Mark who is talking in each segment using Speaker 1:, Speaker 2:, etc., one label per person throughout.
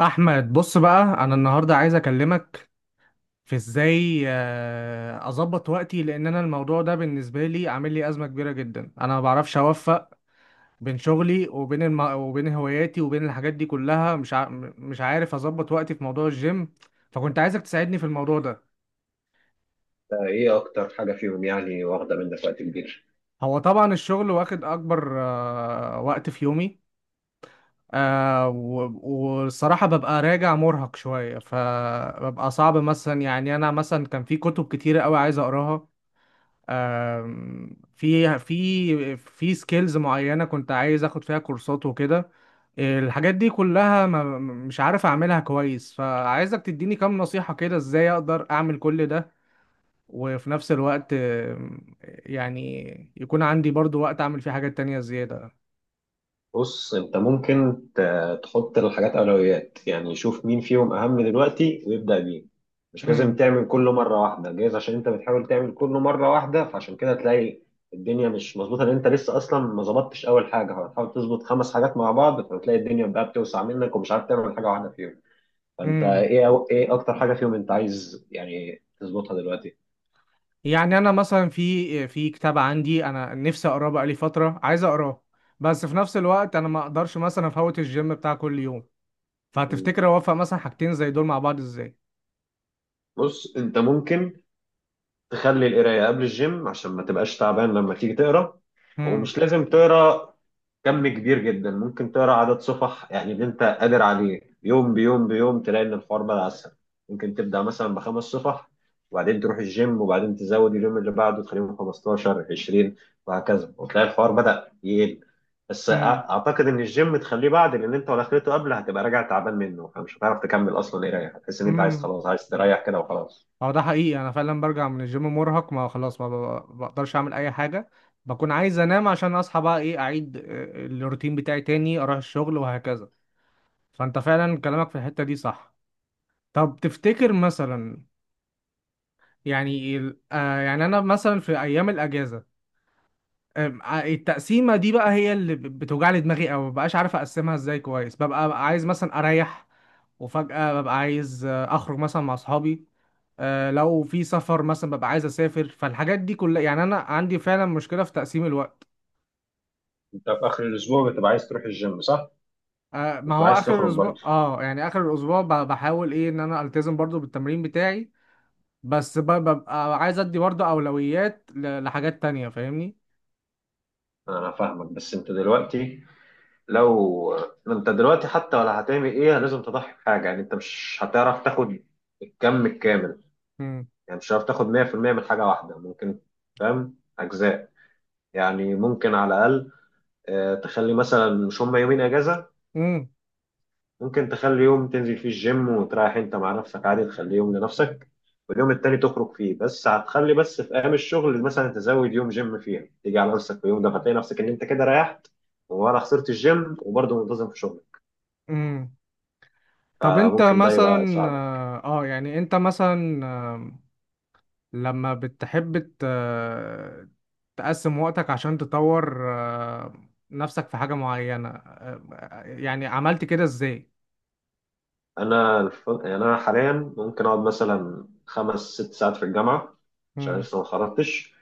Speaker 1: احمد، بص بقى انا النهارده عايز اكلمك في ازاي، اظبط وقتي. لان انا الموضوع ده بالنسبه لي عامل لي ازمه كبيره جدا. انا ما بعرفش اوفق بين شغلي وبين وبين هواياتي وبين الحاجات دي كلها، مش عارف اظبط وقتي في موضوع الجيم. فكنت عايزك تساعدني في الموضوع ده.
Speaker 2: ايه اكتر حاجه فيهم، يعني واخده منك وقت كبير؟
Speaker 1: هو طبعا الشغل واخد اكبر وقت في يومي. والصراحة ببقى راجع مرهق شوية، فببقى صعب مثلا. يعني أنا مثلا كان في كتب كتيرة أوي عايز أقراها. آم، في سكيلز معينة كنت عايز اخد فيها كورسات وكده. الحاجات دي كلها ما مش عارف اعملها كويس، فعايزك تديني كام نصيحة كده، ازاي اقدر اعمل كل ده وفي نفس الوقت، يعني يكون عندي برضو وقت اعمل فيه حاجات تانية زيادة.
Speaker 2: بص، انت ممكن تحط الحاجات اولويات، يعني شوف مين فيهم اهم دلوقتي ويبدا بيه. مش لازم
Speaker 1: امم.
Speaker 2: تعمل كله مره واحده، جايز عشان انت بتحاول تعمل كله مره واحده فعشان كده تلاقي الدنيا مش مظبوطه. لان انت لسه اصلا ما ظبطتش، اول حاجه هتحاول تظبط خمس حاجات مع بعض، فتلاقي الدنيا بقى بتوسع منك، ومش عارف تعمل حاجه واحده فيهم. فانت
Speaker 1: امم.
Speaker 2: ايه اكتر حاجه فيهم انت عايز يعني تظبطها دلوقتي؟
Speaker 1: يعني انا مثلا في كتاب عندي انا نفسي اقراه بقالي فترة، عايز اقراه. بس في نفس الوقت انا ما اقدرش مثلا افوت الجيم بتاع كل يوم. فهتفتكر اوفق مثلا حاجتين زي دول مع بعض ازاي؟
Speaker 2: بص، انت ممكن تخلي القرايه قبل الجيم عشان ما تبقاش تعبان لما تيجي تقرا.
Speaker 1: امم.
Speaker 2: ومش لازم تقرا كم كبير جدا، ممكن تقرا عدد صفح يعني اللي انت قادر عليه، يوم بيوم بيوم تلاقي ان الحوار بقى اسهل. ممكن تبدا مثلا بخمس صفح، وبعدين تروح الجيم، وبعدين تزود اليوم اللي بعده تخليهم 15 20 وهكذا، وتلاقي الحوار بدا يقل. بس
Speaker 1: امم.
Speaker 2: اعتقد ان الجيم تخليه بعد، لان انت لو دخلته قبل هتبقى راجع تعبان منه، فمش هتعرف تكمل اصلا قرايه، هتحس ان انت عايز
Speaker 1: امم.
Speaker 2: خلاص، عايز تريح كده وخلاص.
Speaker 1: هو ده حقيقي، انا فعلا برجع من الجيم مرهق. ما خلاص، ما بقدرش اعمل اي حاجه. بكون عايز انام عشان اصحى بقى ايه، اعيد الروتين بتاعي تاني، اروح الشغل وهكذا. فانت فعلا كلامك في الحته دي صح. طب تفتكر مثلا، يعني يعني انا مثلا في ايام الاجازه. آم، آه، التقسيمه دي بقى هي اللي بتوجع لي دماغي، او مبقاش عارف اقسمها ازاي كويس. ببقى عايز مثلا اريح، وفجأة ببقى عايز أخرج مثلا مع أصحابي. لو في سفر مثلا ببقى عايز أسافر. فالحاجات دي كلها، يعني أنا عندي فعلا مشكلة في تقسيم الوقت.
Speaker 2: انت في اخر الاسبوع بتبقى عايز تروح الجيم صح؟
Speaker 1: ما
Speaker 2: بتبقى
Speaker 1: هو
Speaker 2: عايز
Speaker 1: آخر
Speaker 2: تخرج
Speaker 1: الأسبوع،
Speaker 2: برضه.
Speaker 1: يعني آخر الأسبوع بحاول إيه إن أنا ألتزم برضو بالتمرين بتاعي. بس ببقى عايز أدي برضو أولويات لحاجات تانية، فاهمني؟
Speaker 2: انا فاهمك، بس انت دلوقتي، لو انت دلوقتي حتى ولا هتعمل ايه لازم تضحي بحاجه، يعني انت مش هتعرف تاخد الكم الكامل.
Speaker 1: مم.
Speaker 2: يعني مش هتعرف تاخد 100% من حاجه واحده، ممكن فاهم اجزاء. يعني ممكن على الاقل، تخلي مثلا، مش هم يومين اجازه.
Speaker 1: مم.
Speaker 2: ممكن تخلي يوم تنزل فيه الجيم وتريح انت مع نفسك عادي، تخليه يوم لنفسك. واليوم التاني تخرج فيه، بس هتخلي بس في ايام الشغل مثلا تزود يوم جيم فيها، تيجي على نفسك في يوم ده، فتلاقي نفسك ان انت كده ريحت، ولا خسرت الجيم وبرضه منتظم في شغلك،
Speaker 1: مم. طب أنت
Speaker 2: فممكن ده يبقى
Speaker 1: مثلا،
Speaker 2: يساعدك.
Speaker 1: يعني أنت مثلا لما بتحب تقسم وقتك عشان تطور نفسك في حاجة معينة، يعني عملت كده ازاي؟
Speaker 2: انا يعني انا حاليا، ممكن اقعد مثلا خمس ست ساعات في الجامعه، عشان
Speaker 1: مم.
Speaker 2: لسه ما خرجتش،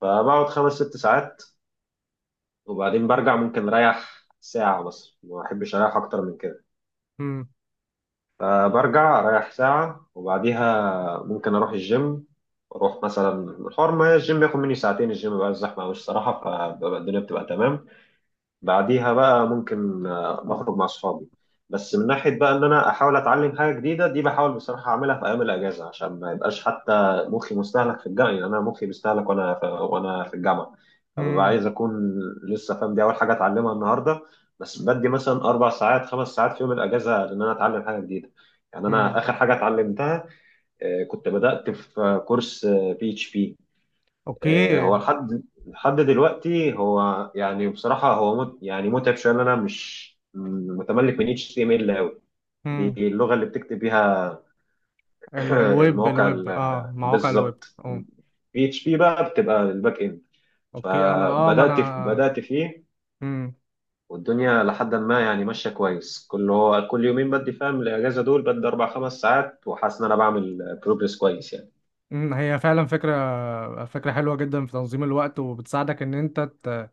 Speaker 2: فبقعد خمس ست ساعات. وبعدين برجع، ممكن اريح ساعه، بس ما احبش اريح اكتر من كده.
Speaker 1: مم.
Speaker 2: فبرجع رايح ساعة، وبعديها ممكن أروح الجيم، أروح مثلا الحوار، ما الجيم بياخد مني ساعتين، الجيم بقى الزحمة أوي الصراحة، فالدنيا بتبقى تمام. بعديها بقى ممكن اخرج مع اصحابي. بس من ناحيه بقى ان انا احاول اتعلم حاجه جديده دي، بحاول بصراحه اعملها في ايام الاجازه، عشان ما يبقاش حتى مخي مستهلك في الجامعه، يعني انا مخي بيستهلك وانا في الجامعه. فببقى
Speaker 1: مم.
Speaker 2: عايز اكون لسه فاهم، دي اول حاجه اتعلمها النهارده، بس بدي مثلا اربع ساعات خمس ساعات في يوم الاجازه ان انا اتعلم حاجه جديده. يعني انا
Speaker 1: مم.
Speaker 2: اخر حاجه اتعلمتها، كنت بدات في كورس PHP.
Speaker 1: اوكي.
Speaker 2: هو لحد دلوقتي هو يعني بصراحة هو يعني متعب شوية، إن أنا مش متملك من HTML أوي. دي
Speaker 1: مم.
Speaker 2: اللغة اللي بتكتب بيها.
Speaker 1: الويب
Speaker 2: المواقع
Speaker 1: الويب مواقع الويب.
Speaker 2: بالظبط.
Speaker 1: اه.
Speaker 2: PHP بقى بتبقى الباك إند.
Speaker 1: اوكي. انا ما
Speaker 2: فبدأت في
Speaker 1: انا.
Speaker 2: بدأت فيه.
Speaker 1: مم.
Speaker 2: والدنيا لحد ما يعني ماشية كويس، كل يومين بدي فاهم الأجازة دول بدي أربع خمس ساعات، وحاسس إن أنا بعمل بروجرس كويس يعني.
Speaker 1: مم. هي فعلا فكرة حلوة جدا في تنظيم الوقت وبتساعدك ان انت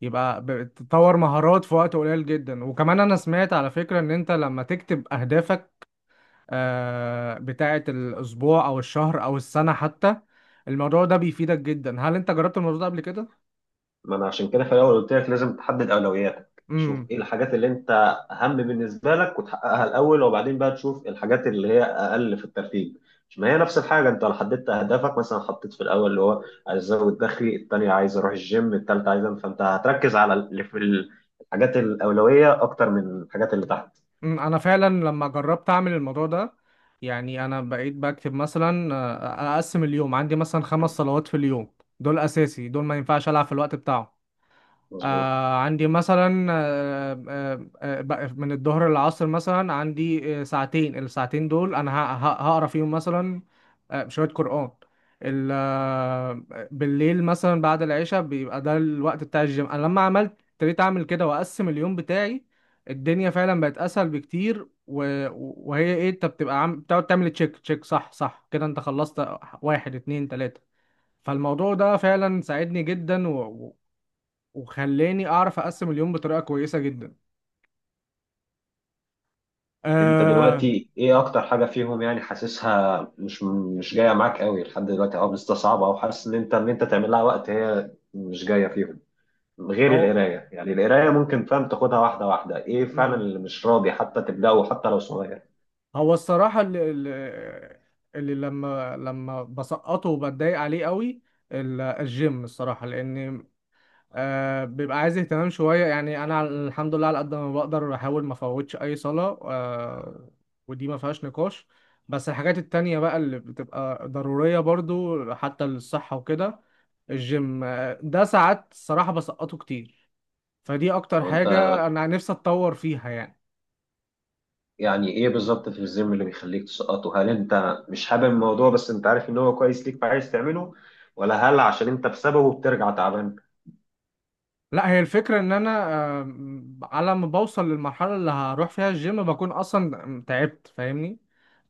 Speaker 1: يبقى تطور مهارات في وقت قليل جدا. وكمان انا سمعت على فكرة ان انت لما تكتب اهدافك بتاعة الأسبوع أو الشهر أو السنة حتى، الموضوع ده بيفيدك جدا. هل أنت جربت الموضوع ده قبل كده؟
Speaker 2: ما انا عشان كده في الاول قلت لك، لازم تحدد اولوياتك،
Speaker 1: امم.
Speaker 2: شوف ايه الحاجات اللي انت اهم بالنسبه لك وتحققها الاول، وبعدين بقى تشوف الحاجات اللي هي اقل في الترتيب. مش ما هي نفس الحاجه، انت لو حددت اهدافك، مثلا حطيت في الاول اللي هو عايز ازود دخلي، الثانيه عايز اروح الجيم، الثالثه عايز فانت هتركز على اللي في الحاجات الاولويه اكتر من الحاجات اللي تحت.
Speaker 1: أمم، أنا فعلا لما جربت أعمل الموضوع ده، يعني أنا بقيت بكتب مثلا، أقسم اليوم. عندي مثلا خمس صلوات في اليوم دول أساسي، دول ما ينفعش ألعب في الوقت بتاعهم.
Speaker 2: مظبوط.
Speaker 1: عندي مثلا، بقى من الظهر للعصر مثلا عندي ساعتين. الساعتين دول انا هقرا فيهم مثلا شوية قرآن. ال- آه، بالليل مثلا بعد العشاء بيبقى ده الوقت بتاع الجيم. انا لما ابتديت اعمل كده واقسم اليوم بتاعي، الدنيا فعلا بقت اسهل بكتير. وهي ايه، انت بتبقى بتقعد تعمل تشيك تشيك صح صح كده، انت خلصت واحد اتنين تلاتة. فالموضوع ده فعلا ساعدني جدا، وخلاني اعرف اقسم اليوم بطريقه كويسه جدا.
Speaker 2: انت
Speaker 1: آه
Speaker 2: دلوقتي ايه اكتر حاجه فيهم، يعني حاسسها مش جايه معاك قوي لحد دلوقتي او مستصعبه، او حاسس ان انت تعمل لها وقت هي مش جايه فيهم غير
Speaker 1: هو
Speaker 2: القرايه، يعني القرايه ممكن فاهم تاخدها واحده واحده، ايه فعلا
Speaker 1: مم.
Speaker 2: اللي مش راضي حتى تبداه حتى لو صغير؟
Speaker 1: هو الصراحه اللي لما بسقطه وبتضايق عليه قوي، الجيم الصراحه، لان بيبقى عايز اهتمام شويه. يعني انا الحمد لله على قد ما بقدر بحاول ما افوتش اي صلاه. ودي ما فيهاش نقاش. بس الحاجات التانية بقى اللي بتبقى ضرورية برضو حتى للصحة وكده، الجيم ده ساعات الصراحة بسقطه كتير. فدي اكتر
Speaker 2: طب انت
Speaker 1: حاجة انا نفسي اتطور فيها يعني.
Speaker 2: يعني ايه بالظبط في الجيم اللي بيخليك تسقطه؟ هل انت مش حابب الموضوع بس انت عارف ان هو كويس ليك فعايز تعمله، ولا هل عشان انت بسببه بترجع تعبان؟
Speaker 1: لا، هي الفكرة ان انا على ما بوصل للمرحلة اللي هروح فيها الجيم بكون اصلا تعبت، فاهمني؟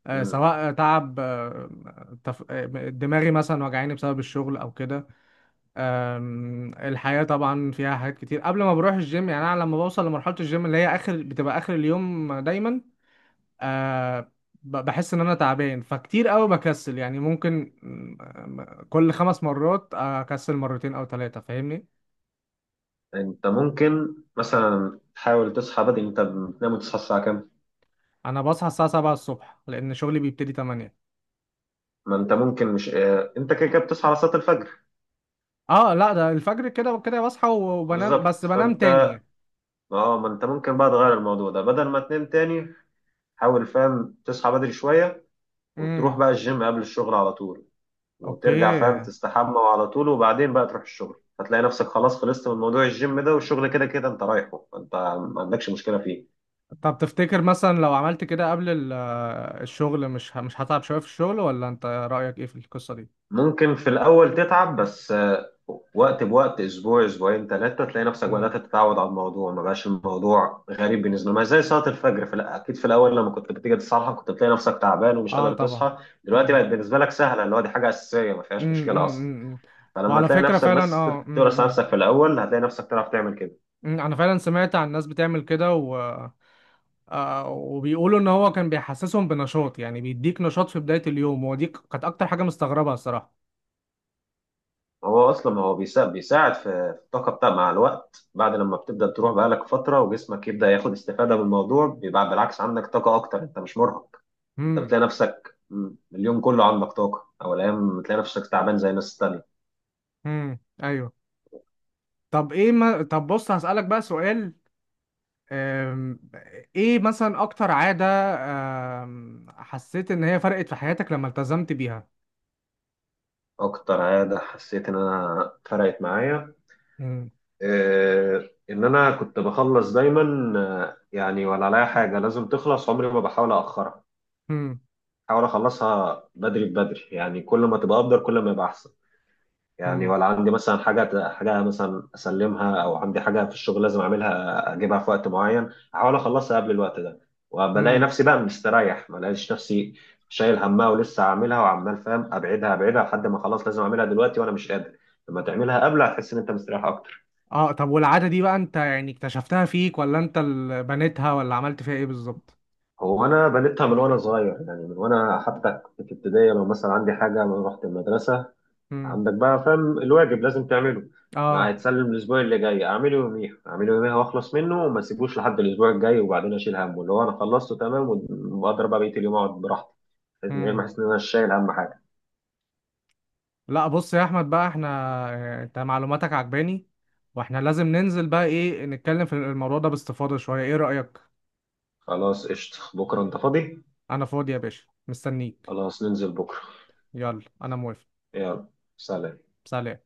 Speaker 2: مم.
Speaker 1: سواء تعب دماغي مثلا وجعاني بسبب الشغل او كده. الحياة طبعا فيها حاجات كتير قبل ما بروح الجيم. يعني انا لما بوصل لمرحلة الجيم اللي هي اخر، بتبقى اخر اليوم دايما آه بحس ان انا تعبان، فكتير قوي بكسل. يعني ممكن كل خمس مرات اكسل مرتين او ثلاثة، فاهمني؟
Speaker 2: انت ممكن مثلا تحاول تصحى بدري، انت بتنام وتصحى الساعه كام؟
Speaker 1: انا بصحى الساعة 7 الصبح لان شغلي بيبتدي 8.
Speaker 2: ما انت ممكن مش انت كده كده بتصحى على صلاه الفجر.
Speaker 1: اه لا، ده الفجر كده وكده بصحى وبنام، بس
Speaker 2: بالظبط،
Speaker 1: بنام
Speaker 2: فانت
Speaker 1: تاني يعني.
Speaker 2: اه ما انت ممكن بقى تغير الموضوع ده، بدل ما تنام تاني. حاول فاهم تصحى بدري شويه، وتروح
Speaker 1: امم.
Speaker 2: بقى الجيم قبل الشغل على طول، وترجع فاهم
Speaker 1: اوكي،
Speaker 2: تستحمى على طول، وبعدين بقى تروح الشغل، هتلاقي نفسك خلاص خلصت من موضوع الجيم ده، والشغل كده كده انت رايحه، انت ما عندكش مشكلة فيه.
Speaker 1: طب تفتكر مثلا لو عملت كده قبل الشغل، مش هتعب شوية في الشغل، ولا انت رأيك ايه في القصة دي؟
Speaker 2: ممكن في الأول تتعب، بس وقت بوقت، أسبوع أسبوعين ثلاثة، تلاقي نفسك
Speaker 1: امم.
Speaker 2: بدأت تتعود على الموضوع، ما بقاش الموضوع غريب بالنسبة لك، ما زي صلاة الفجر في أكيد في الأول لما كنت بتيجي تصحى كنت بتلاقي نفسك تعبان ومش
Speaker 1: اه
Speaker 2: قادر
Speaker 1: طبعا.
Speaker 2: تصحى. دلوقتي
Speaker 1: امم.
Speaker 2: بقت بالنسبة لك سهلة، اللي هو دي حاجة أساسية ما فيهاش
Speaker 1: امم.
Speaker 2: مشكلة أصلا.
Speaker 1: امم.
Speaker 2: فلما
Speaker 1: وعلى
Speaker 2: تلاقي
Speaker 1: فكرة
Speaker 2: نفسك
Speaker 1: فعلا،
Speaker 2: بس تورث نفسك في الاول هتلاقي نفسك تعرف تعمل كده.
Speaker 1: انا فعلا سمعت عن ناس بتعمل كده. وبيقولوا ان هو كان بيحسسهم بنشاط. يعني بيديك نشاط في بداية اليوم، ودي كانت اكتر حاجة مستغربها الصراحة.
Speaker 2: هو اصلا بيساعد في الطاقه بتاع، مع الوقت، بعد لما بتبدا تروح بقالك فتره وجسمك يبدا ياخد استفاده من الموضوع، بيبقى بالعكس عندك طاقه اكتر، انت مش مرهق. انت
Speaker 1: امم.
Speaker 2: بتلاقي نفسك اليوم كله عندك طاقه، او الايام بتلاقي نفسك تعبان زي الناس التانيه.
Speaker 1: امم. ايوه. طب ايه ما... طب بص هسألك بقى سؤال. أم... ايه مثلا اكتر عادة حسيت ان هي فرقت في حياتك لما التزمت بيها؟
Speaker 2: اكتر عاده حسيت ان انا فرقت معايا،
Speaker 1: امم.
Speaker 2: إيه ان انا كنت بخلص دايما، يعني ولا عليا حاجه لازم تخلص عمري ما بحاول اخرها.
Speaker 1: امم.
Speaker 2: احاول اخلصها بدري بدري، يعني كل ما تبقى افضل كل ما يبقى احسن. يعني
Speaker 1: امم.
Speaker 2: ولا عندي مثلا حاجه حاجه مثلا اسلمها، او عندي حاجه في الشغل لازم اعملها اجيبها في وقت معين، احاول اخلصها قبل الوقت ده، وبلاقي
Speaker 1: امم.
Speaker 2: نفسي بقى مستريح، ما الاقيش نفسي شايل همها ولسه عاملها وعمال فاهم ابعدها ابعدها لحد ما خلاص لازم اعملها دلوقتي وانا مش قادر، لما تعملها قبل هتحس ان انت مستريح اكتر.
Speaker 1: اه، طب والعادة دي بقى انت يعني اكتشفتها فيك، ولا انت اللي بنيتها، ولا عملت فيها ايه بالظبط؟
Speaker 2: هو انا بنيتها من وانا صغير، يعني من وانا حتى كنت في ابتدائي، لو مثلا عندي حاجه لما رحت المدرسه
Speaker 1: امم.
Speaker 2: عندك بقى فاهم الواجب لازم تعمله، ما
Speaker 1: اه.
Speaker 2: هيتسلم الاسبوع اللي جاي اعمله يوميها اعمله يوميها واخلص منه، وما اسيبوش لحد الاسبوع الجاي، وبعدين اشيل همه اللي هو انا خلصته تمام، واقدر بقى بقيه اليوم اقعد براحتي من غير ما
Speaker 1: مم.
Speaker 2: احس ان انا شايل اهم حاجه.
Speaker 1: لا بص يا احمد بقى، احنا اه، انت معلوماتك عجباني. واحنا لازم ننزل بقى، ايه، نتكلم في الموضوع ده باستفاضة شوية. ايه رأيك؟
Speaker 2: خلاص، قشطه. بكره انت فاضي؟
Speaker 1: انا فاضي يا باشا مستنيك.
Speaker 2: خلاص، ننزل بكره.
Speaker 1: يلا انا موافق.
Speaker 2: يلا. سلام.
Speaker 1: سلام.